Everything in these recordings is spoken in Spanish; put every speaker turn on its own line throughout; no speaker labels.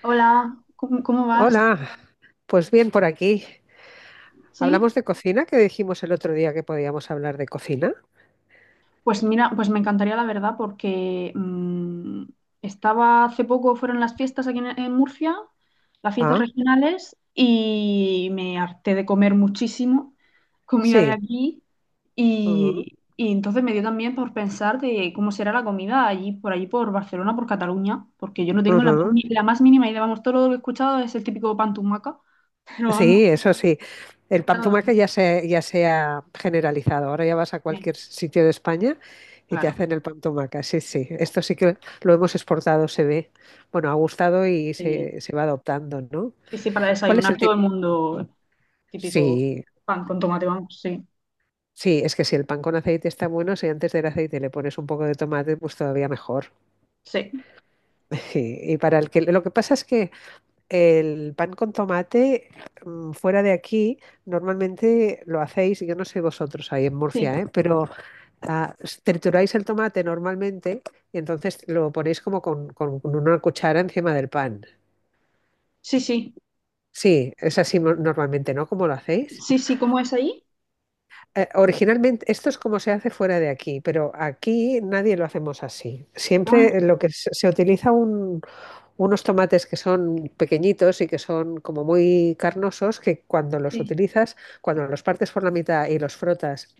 Hola, ¿cómo vas?
Hola, pues bien por aquí.
¿Sí?
¿Hablamos de cocina? Que dijimos el otro día que podíamos hablar de cocina?
Pues mira, pues me encantaría la verdad porque estaba hace poco, fueron las fiestas aquí en Murcia, las fiestas
Ah,
regionales, y me harté de comer muchísimo comida de
sí.
aquí
Ujú,
y entonces me dio también por pensar de cómo será la comida allí, por allí, por Barcelona, por Cataluña, porque yo no tengo la, más
ujú.
ni- la más mínima idea, vamos, todo lo que he escuchado es el típico pan tumaca, pero vamos,
Sí, eso sí. El pan
nada más.
tumaca ya se ha generalizado. Ahora ya vas a
Bien,
cualquier sitio de España y te
claro.
hacen el pan tumaca. Sí, sí. Esto sí que lo hemos exportado, se ve. Bueno, ha gustado y
eh,
se va adoptando, ¿no?
Sí, sí, para
¿Cuál es
desayunar
el
todo el
típico?
mundo, típico
Sí,
pan con tomate, vamos, sí,
sí, es que si el pan con aceite está bueno, si antes del aceite le pones un poco de tomate, pues todavía mejor.
sí,
Sí, y para el que lo que pasa es que el pan con tomate fuera de aquí normalmente lo hacéis, yo no sé vosotros ahí en
sí,
Murcia, ¿eh? Pero trituráis el tomate normalmente y entonces lo ponéis como con una cuchara encima del pan.
sí, sí,
Sí, es así normalmente, ¿no? ¿Cómo lo hacéis?
sí, sí. ¿Cómo es ahí?
Originalmente esto es como se hace fuera de aquí, pero aquí nadie lo hacemos así.
Ah,
Siempre lo que se utiliza unos tomates que son pequeñitos y que son como muy carnosos, que cuando los
sí,
utilizas, cuando los partes por la mitad y los frotas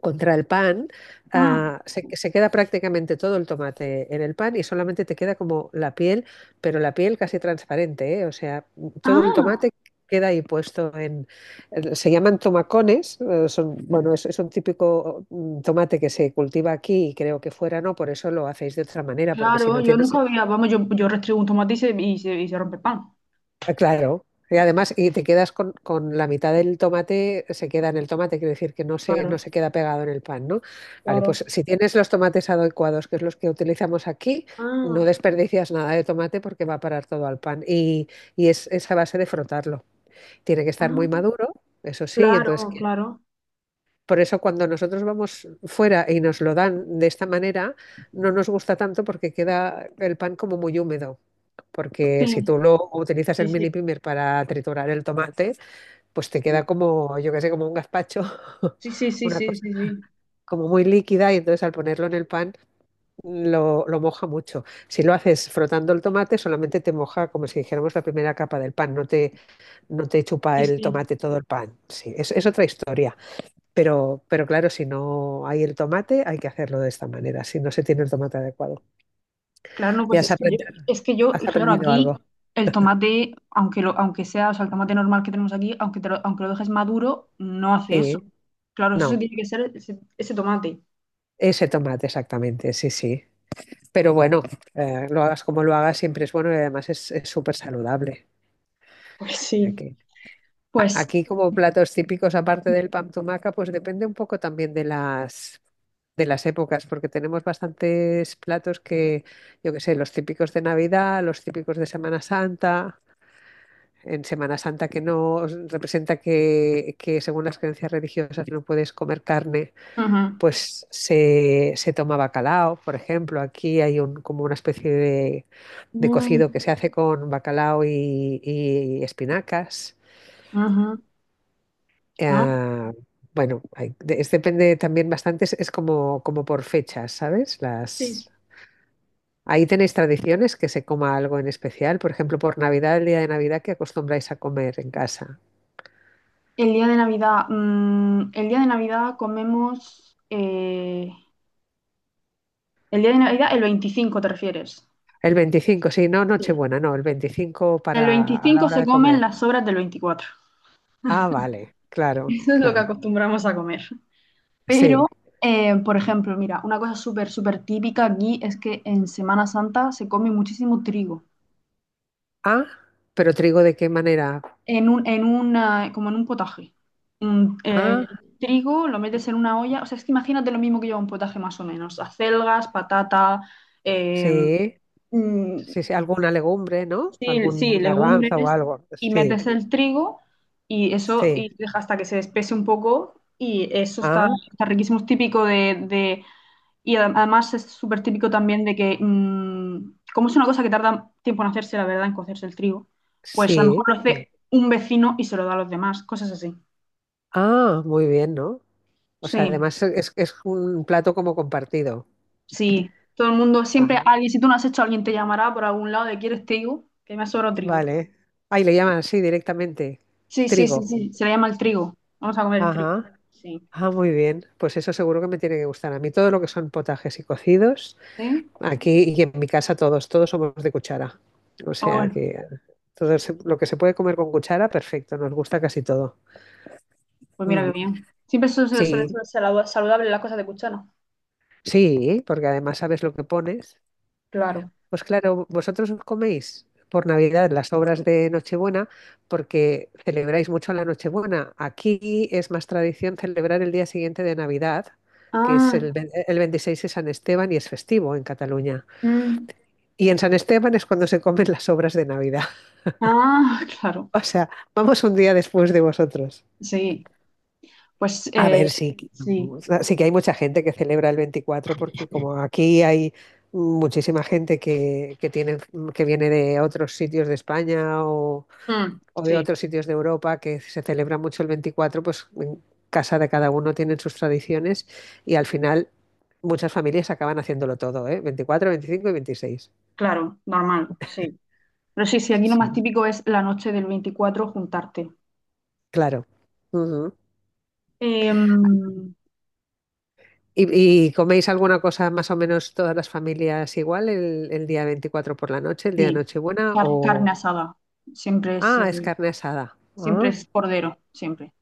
contra el pan,
ah,
se queda prácticamente todo el tomate en el pan y solamente te queda como la piel, pero la piel casi transparente, ¿eh? O sea, todo el
ah,
tomate queda ahí puesto en... Se llaman tomacones, son, bueno, es un típico tomate que se cultiva aquí y creo que fuera no, por eso lo hacéis de otra manera, porque si
claro,
no
yo
tienes.
nunca había, vamos, yo restriego un tomate y se rompe el pan,
Ah, claro, y además, y te quedas con la mitad del tomate, se queda en el tomate, quiere decir que no se, no
claro,
se queda pegado en el pan, ¿no? Vale,
claro,
pues si tienes los tomates adecuados, que es los que utilizamos aquí, no
ah,
desperdicias nada de tomate porque va a parar todo al pan. Y es esa base de frotarlo. Tiene que estar muy
ah,
maduro, eso sí, entonces,
claro, claro,
por eso cuando nosotros vamos fuera y nos lo dan de esta manera, no nos gusta tanto porque queda el pan como muy húmedo. Porque si
sí,
tú lo utilizas
sí,
el mini
sí,
primer para triturar el tomate, pues te queda como, yo qué sé, como un gazpacho,
sí, sí, sí,
una
sí,
cosa
sí, sí,
como muy líquida y entonces al ponerlo en el pan lo moja mucho. Si lo haces frotando el tomate, solamente te moja como si dijéramos la primera capa del pan, no te chupa
sí,
el
sí.
tomate todo el pan. Sí, es otra historia. Pero claro, si no hay el tomate, hay que hacerlo de esta manera, si no se tiene el tomate adecuado.
Claro, no,
¿Ya
pues
has
es que yo,
aprendido,
es que yo,
has
claro,
aprendido
aquí
algo?
el tomate, aunque sea, o sea, el tomate normal que tenemos aquí, aunque lo dejes maduro, no hace eso.
Sí,
Claro, eso sí
no.
tiene que ser ese tomate.
Ese tomate, exactamente, sí, sí. Pero bueno, lo hagas como lo hagas, siempre es bueno y además es súper saludable.
Pues
O sea
sí.
que
Pues,
aquí como platos típicos, aparte del pan tumaca, pues depende un poco también de las, épocas, porque tenemos bastantes platos que, yo qué sé, los típicos de Navidad, los típicos de Semana Santa. En Semana Santa que no representa que según las creencias religiosas no puedes comer carne
ujú.
pues se toma bacalao, por ejemplo. Aquí hay como una especie de
Mm,
cocido que se hace con bacalao y espinacas.
ujú. Ah,
Eh, bueno, depende también bastante, es como por fechas, ¿sabes?
sí.
Ahí tenéis tradiciones que se coma algo en especial. Por ejemplo, por Navidad, el día de Navidad, ¿qué acostumbráis a comer en casa?
El día de Navidad, el día de Navidad comemos, el día de Navidad, el 25, ¿te refieres?
El 25 sí, no
Sí.
Nochebuena, no, el 25
El
para a la
25
hora
se
de
comen
comer.
las sobras del 24.
Ah, vale, claro,
Eso es lo que
claro.
acostumbramos a comer. Pero,
Sí.
por ejemplo, mira, una cosa súper, súper típica aquí es que en Semana Santa se come muchísimo trigo,
Ah, pero ¿trigo de qué manera?
en una, como en un potaje. Un, eh,
Ah,
trigo lo metes en una olla, o sea, es que imagínate lo mismo que lleva un potaje más o menos, acelgas, patata, eh,
sí,
mm,
sí, sí, alguna legumbre, ¿no?
sí,
Algún
sí,
garbanzo o
legumbres,
algo.
y
Sí,
metes el trigo y eso y
sí.
deja hasta que se espese un poco y eso está,
Ah,
está riquísimo, es típico de. Y además es súper típico también de que, como es una cosa que tarda tiempo en hacerse, la verdad, en cocerse el trigo, pues a lo mejor
sí,
lo
sí.
hace un vecino y se lo da a los demás, cosas así.
Ah, muy bien, ¿no? O sea,
Sí,
además es un plato como compartido.
sí. Todo el mundo, siempre
Ajá,
alguien, si tú no has hecho, alguien te llamará por algún lado de ¿quieres trigo? Que me ha sobrado trigo.
vale. Ahí le llaman así directamente.
Sí, sí, sí,
Trigo.
sí. Se le llama el trigo. Vamos a comer el trigo.
Ajá.
Sí.
Ah, muy bien. Pues eso seguro que me tiene que gustar. A mí todo lo que son potajes y cocidos.
¿Sí?
Aquí y en mi casa todos somos de cuchara. O
O
sea
bueno,
que todo lo que se puede comer con cuchara, perfecto, nos gusta casi todo.
pues mira qué
Mm,
bien. Siempre suele
sí,
ser saludable las cosas de cuchara.
sí, porque además sabes lo que pones.
Claro.
Pues claro, vosotros os coméis por Navidad las obras de Nochebuena porque celebráis mucho la Nochebuena. Aquí es más tradición celebrar el día siguiente de Navidad, que es
Ah,
el 26 de San Esteban y es festivo en Cataluña.
mm,
Y en San Esteban es cuando se comen las obras de Navidad.
ah, claro.
O sea, vamos un día después de vosotros.
Sí. Pues
A ver, sí,
sí,
sí que hay mucha gente que celebra el 24 porque como aquí hay muchísima gente que viene de otros sitios de España o,
Mm,
o de
sí,
otros sitios de Europa que se celebra mucho el 24, pues en casa de cada uno tienen sus tradiciones y al final muchas familias acaban haciéndolo todo, ¿eh? 24, 25 y veintiséis.
claro, normal, sí. Pero sí, sí, aquí lo más
Sí.
típico es la noche del 24 juntarte.
Claro. Ujú.
Em,
¿Y coméis alguna cosa más o menos todas las familias igual el día 24 por la noche, el día de
sí,
Nochebuena?
car-
O,
carne asada, siempre es,
es
eh,
carne asada.
siempre
Ah,
es cordero, siempre.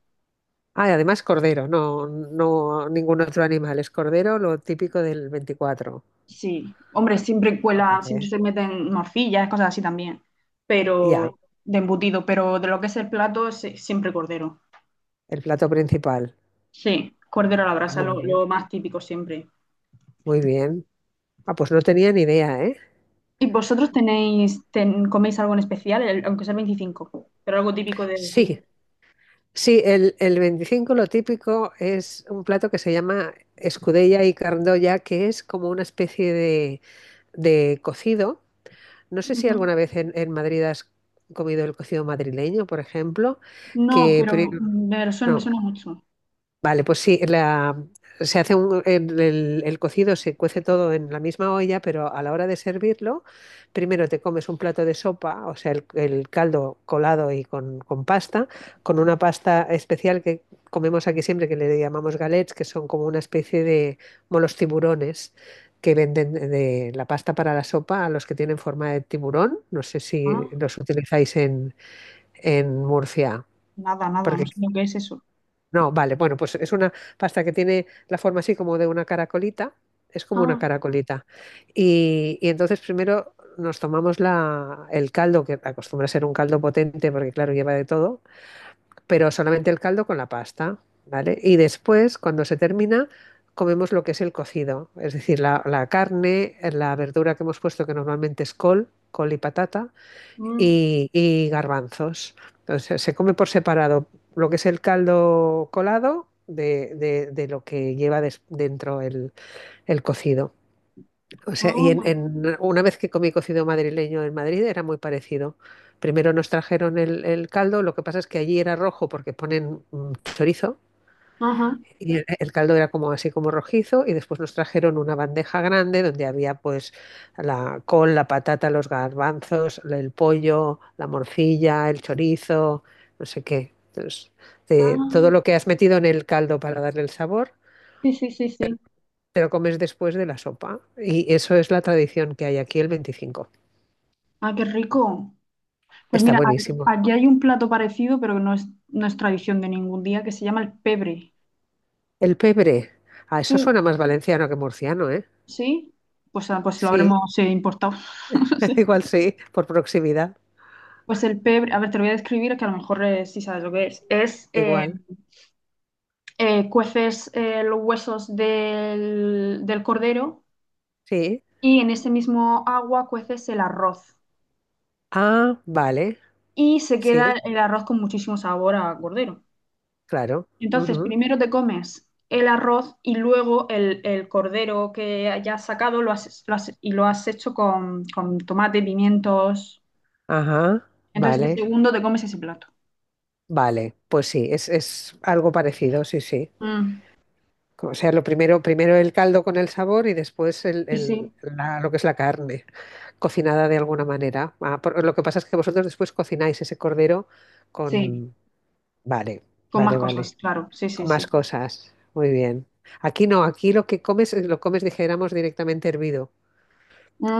ah, y además cordero, no, no ningún otro animal, es cordero, lo típico del veinticuatro.
Sí, hombre, siempre cuela,
Fíjate,
siempre se meten morcillas, cosas así también, pero
ya,
de embutido, pero de lo que es el plato, sí, siempre cordero.
el plato principal.
Sí, cordero a la
Ah,
brasa,
muy bien,
lo más típico siempre.
muy bien. Ah, pues no tenía ni idea, ¿eh?
¿Y vosotros coméis algo en especial, aunque sea el 25? Pero algo típico de Sevilla.
Sí, sí, el 25 lo típico es un plato que se llama escudella y cardoya, que es como una especie de cocido. No sé si
Ujú.
alguna vez en Madrid has comido el cocido madrileño, por ejemplo,
No,
que
pero
pero,
me suena, me
no.
suena mucho.
Vale, pues sí, se hace el cocido, se cuece todo en la misma olla, pero a la hora de servirlo, primero te comes un plato de sopa, o sea, el caldo colado y con pasta, con una pasta especial que comemos aquí siempre, que le llamamos galets, que son como una especie de como los tiburones que venden de la pasta para la sopa a los que tienen forma de tiburón. No sé si
Ah,
los utilizáis en Murcia.
nada, nada, no sé lo que es eso.
No, vale, bueno, pues es una pasta que tiene la forma así como de una caracolita, es como una
Ah,
caracolita. Y entonces primero nos tomamos el caldo, que acostumbra a ser un caldo potente porque claro, lleva de todo, pero solamente el caldo con la pasta, ¿vale? Y después, cuando se termina, comemos lo que es el cocido, es decir, la carne, la verdura que hemos puesto, que normalmente es col, col y patata
mm,
y garbanzos. Entonces se come por separado lo que es el caldo colado de lo que lleva dentro el cocido. O sea,
ah,
una vez que comí cocido madrileño en Madrid era muy parecido. Primero nos trajeron el caldo, lo que pasa es que allí era rojo porque ponen chorizo
ajá,
y el caldo era como así como rojizo y después nos trajeron una bandeja grande donde había pues la col, la patata, los garbanzos, el pollo, la morcilla, el chorizo, no sé qué. Entonces, todo
ah.
lo que has metido en el caldo para darle el sabor,
Sí, sí, sí, sí.
te lo comes después de la sopa. Y eso es la tradición que hay aquí el veinticinco.
Ah, qué rico. Pues
Está
mira, a-
buenísimo.
aquí hay un plato parecido, pero que no es, no es tradición de ningún día, que se llama el pebre.
El pebre. Ah, eso suena
¿Tú-
más valenciano que murciano, ¿eh?
¿Sí? Pues, ah, pues lo
Sí,
habremos importado.
igual sí, por proximidad,
Pues el pebre, a ver, te lo voy a describir que a lo mejor sí sabes lo que es. Es, eh,
igual.
eh, cueces eh, los huesos del cordero
Sí.
y en ese mismo agua cueces el arroz.
Ah, vale.
Y se queda
Sí,
el arroz con muchísimo sabor a cordero.
claro.
Entonces,
Ujú.
primero te comes el arroz y luego el cordero que hayas sacado y lo has hecho con tomate, pimientos.
Ajá,
Entonces, de
vale,
segundo te comes ese plato.
vale. Pues sí, es algo parecido, sí, sí.
Mm,
O sea, lo primero, primero el caldo con el sabor y después
sí, sí,
lo que es la carne, cocinada de alguna manera. Ah, lo que pasa es que vosotros después cocináis ese cordero
sí.
con... Vale,
Con más
vale, vale.
cosas, claro. Sí, sí,
Con más
sí.
cosas. Muy bien. Aquí no, aquí lo que comes, lo comes, dijéramos, directamente hervido.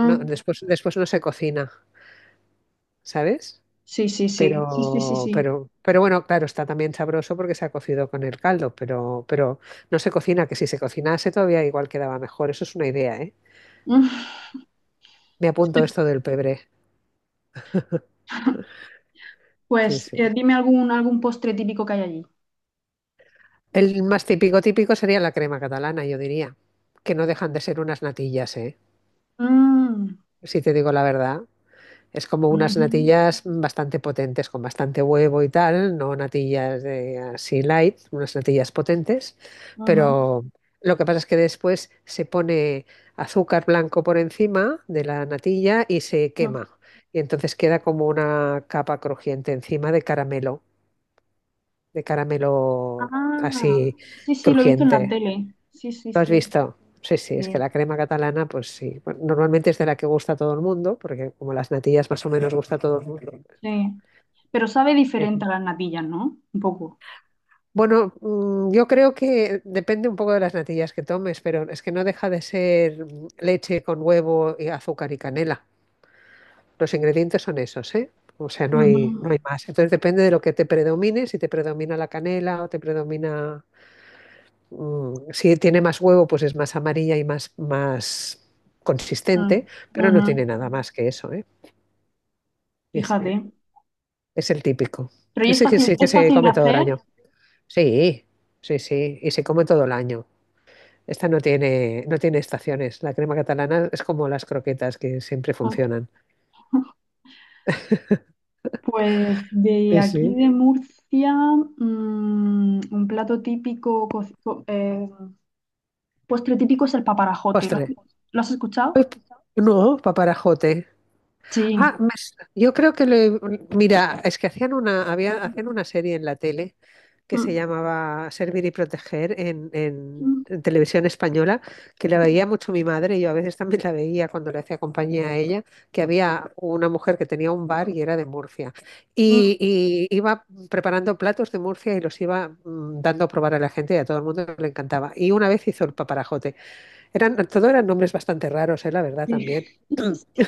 No, después no se cocina, ¿sabes?
sí, sí, sí, sí, sí, sí,
Pero,
sí.
pero, pero bueno, claro, está también sabroso porque se ha cocido con el caldo, pero, no se cocina, que si se cocinase todavía igual quedaba mejor. Eso es una idea, ¿eh?
Mm.
Me apunto esto del pebre. Sí,
Pues
sí.
dime algún postre típico que hay allí.
El más típico, típico sería la crema catalana, yo diría, que no dejan de ser unas natillas, ¿eh?
Mm,
Si te digo la verdad. Es como unas
ujú,
natillas bastante potentes, con bastante huevo y tal, no natillas de así light, unas natillas potentes,
ujú,
pero lo que pasa es que después se pone azúcar blanco por encima de la natilla y se
ujú.
quema. Y entonces queda como una capa crujiente encima de caramelo
Ah,
así
sí, sí, lo he visto en la
crujiente.
tele. Sí, sí,
¿Lo has
sí,
visto? Sí, sí, es que
sí,
la crema catalana, pues sí, bueno, normalmente es de la que gusta a todo el mundo, porque como las natillas más o menos gusta a todo el mundo.
sí. Pero sabe diferente
Eje.
a las natillas, ¿no? Un poco.
Bueno, yo creo que depende un poco de las natillas que tomes, pero es que no deja de ser leche con huevo y azúcar y canela. Los ingredientes son esos, ¿eh? O sea, no hay,
Ujú,
no hay más. Entonces depende de lo que te predomine, si te predomina la canela o te predomina... Si tiene más huevo, pues es más amarilla y más
mm,
consistente, pero no
ujú.
tiene nada más que eso, ¿eh? Sí, sí.
Fíjate.
Es el típico.
Pero ¿y
Ese que sí que
es
se
fácil de
come todo el
hacer?
año. Sí, sí, sí, y se come todo el año. Esta no tiene estaciones. La crema catalana es como las croquetas que siempre funcionan.
Pues de
Sí,
aquí de
sí.
Murcia, un plato típico, postre típico es el paparajote. ¿Lo, has
Postre.
lo has escuchado?
Uy, no, paparajote.
Sí,
Ah, yo creo que mira, es que hacían una serie en la tele que se
Mm,
llamaba Servir y Proteger en, en-
mm,
en televisión española, que la veía mucho mi madre, y yo a veces también la veía cuando le hacía compañía a ella, que había una mujer que tenía un bar y era de Murcia.
mm,
Y, y iba preparando platos de Murcia y los iba dando a probar a la gente y a todo el mundo le encantaba. Y una vez hizo el paparajote. Todo eran nombres bastante raros, la verdad
sí.
también.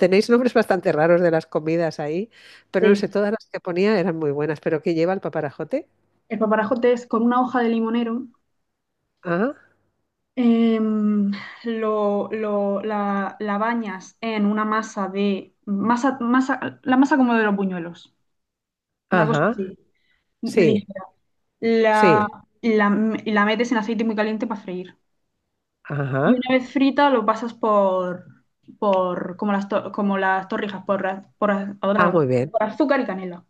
Tenéis nombres bastante raros de las comidas ahí, pero no sé,
Sí.
todas las que ponía eran muy buenas. ¿Pero qué lleva el paparajote?
El paparajote es con una hoja de limonero,
Ah,
em, la bañas en una masa de, masa, masa, la masa como de los buñuelos, una cosa
ajá.
así,
Sí,
ligera. La,
sí.
la, la metes en aceite muy caliente para freír. Y
Ajá.
una vez frita lo pasas por como como las torrijas, por, az- por, az-
Ah,
ahora-
muy bien.
por azúcar y canela.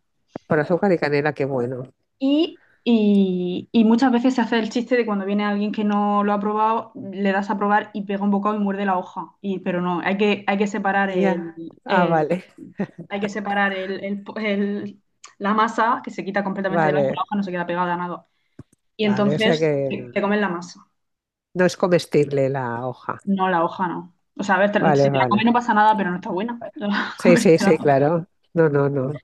Con azúcar y canela, qué bueno.
Y muchas veces se hace el chiste de cuando viene alguien que no lo ha probado, le das a probar y pega un bocado y muerde la hoja. Y, pero no, hay que separar
Ya. Ah, vale,
hay que separar el, el- el- la masa, que se quita completamente de la
vale,
hoja no se queda pegada a nada. Y
vale. O sea
entonces
que
te
no,
comen la masa,
no es comestible la hoja.
no la hoja, no. O sea, a ver, si
Vale,
te la comes no
vale.
pasa nada, pero no está buena.
Sí, sí,
Comértela.
sí, claro. No, no, no.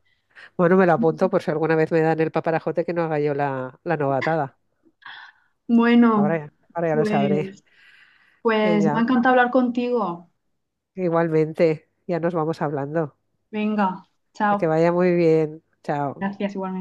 Bueno, me lo apunto por si alguna vez me dan el paparajote que no haga yo la novatada. Ahora
Bueno,
ya, ahora ya lo sabré.
pues, pues me ha
Venga,
encantado hablar contigo.
igualmente, ya nos vamos hablando.
Venga,
Que
chao.
vaya muy bien. Chao.
Gracias, igualmente.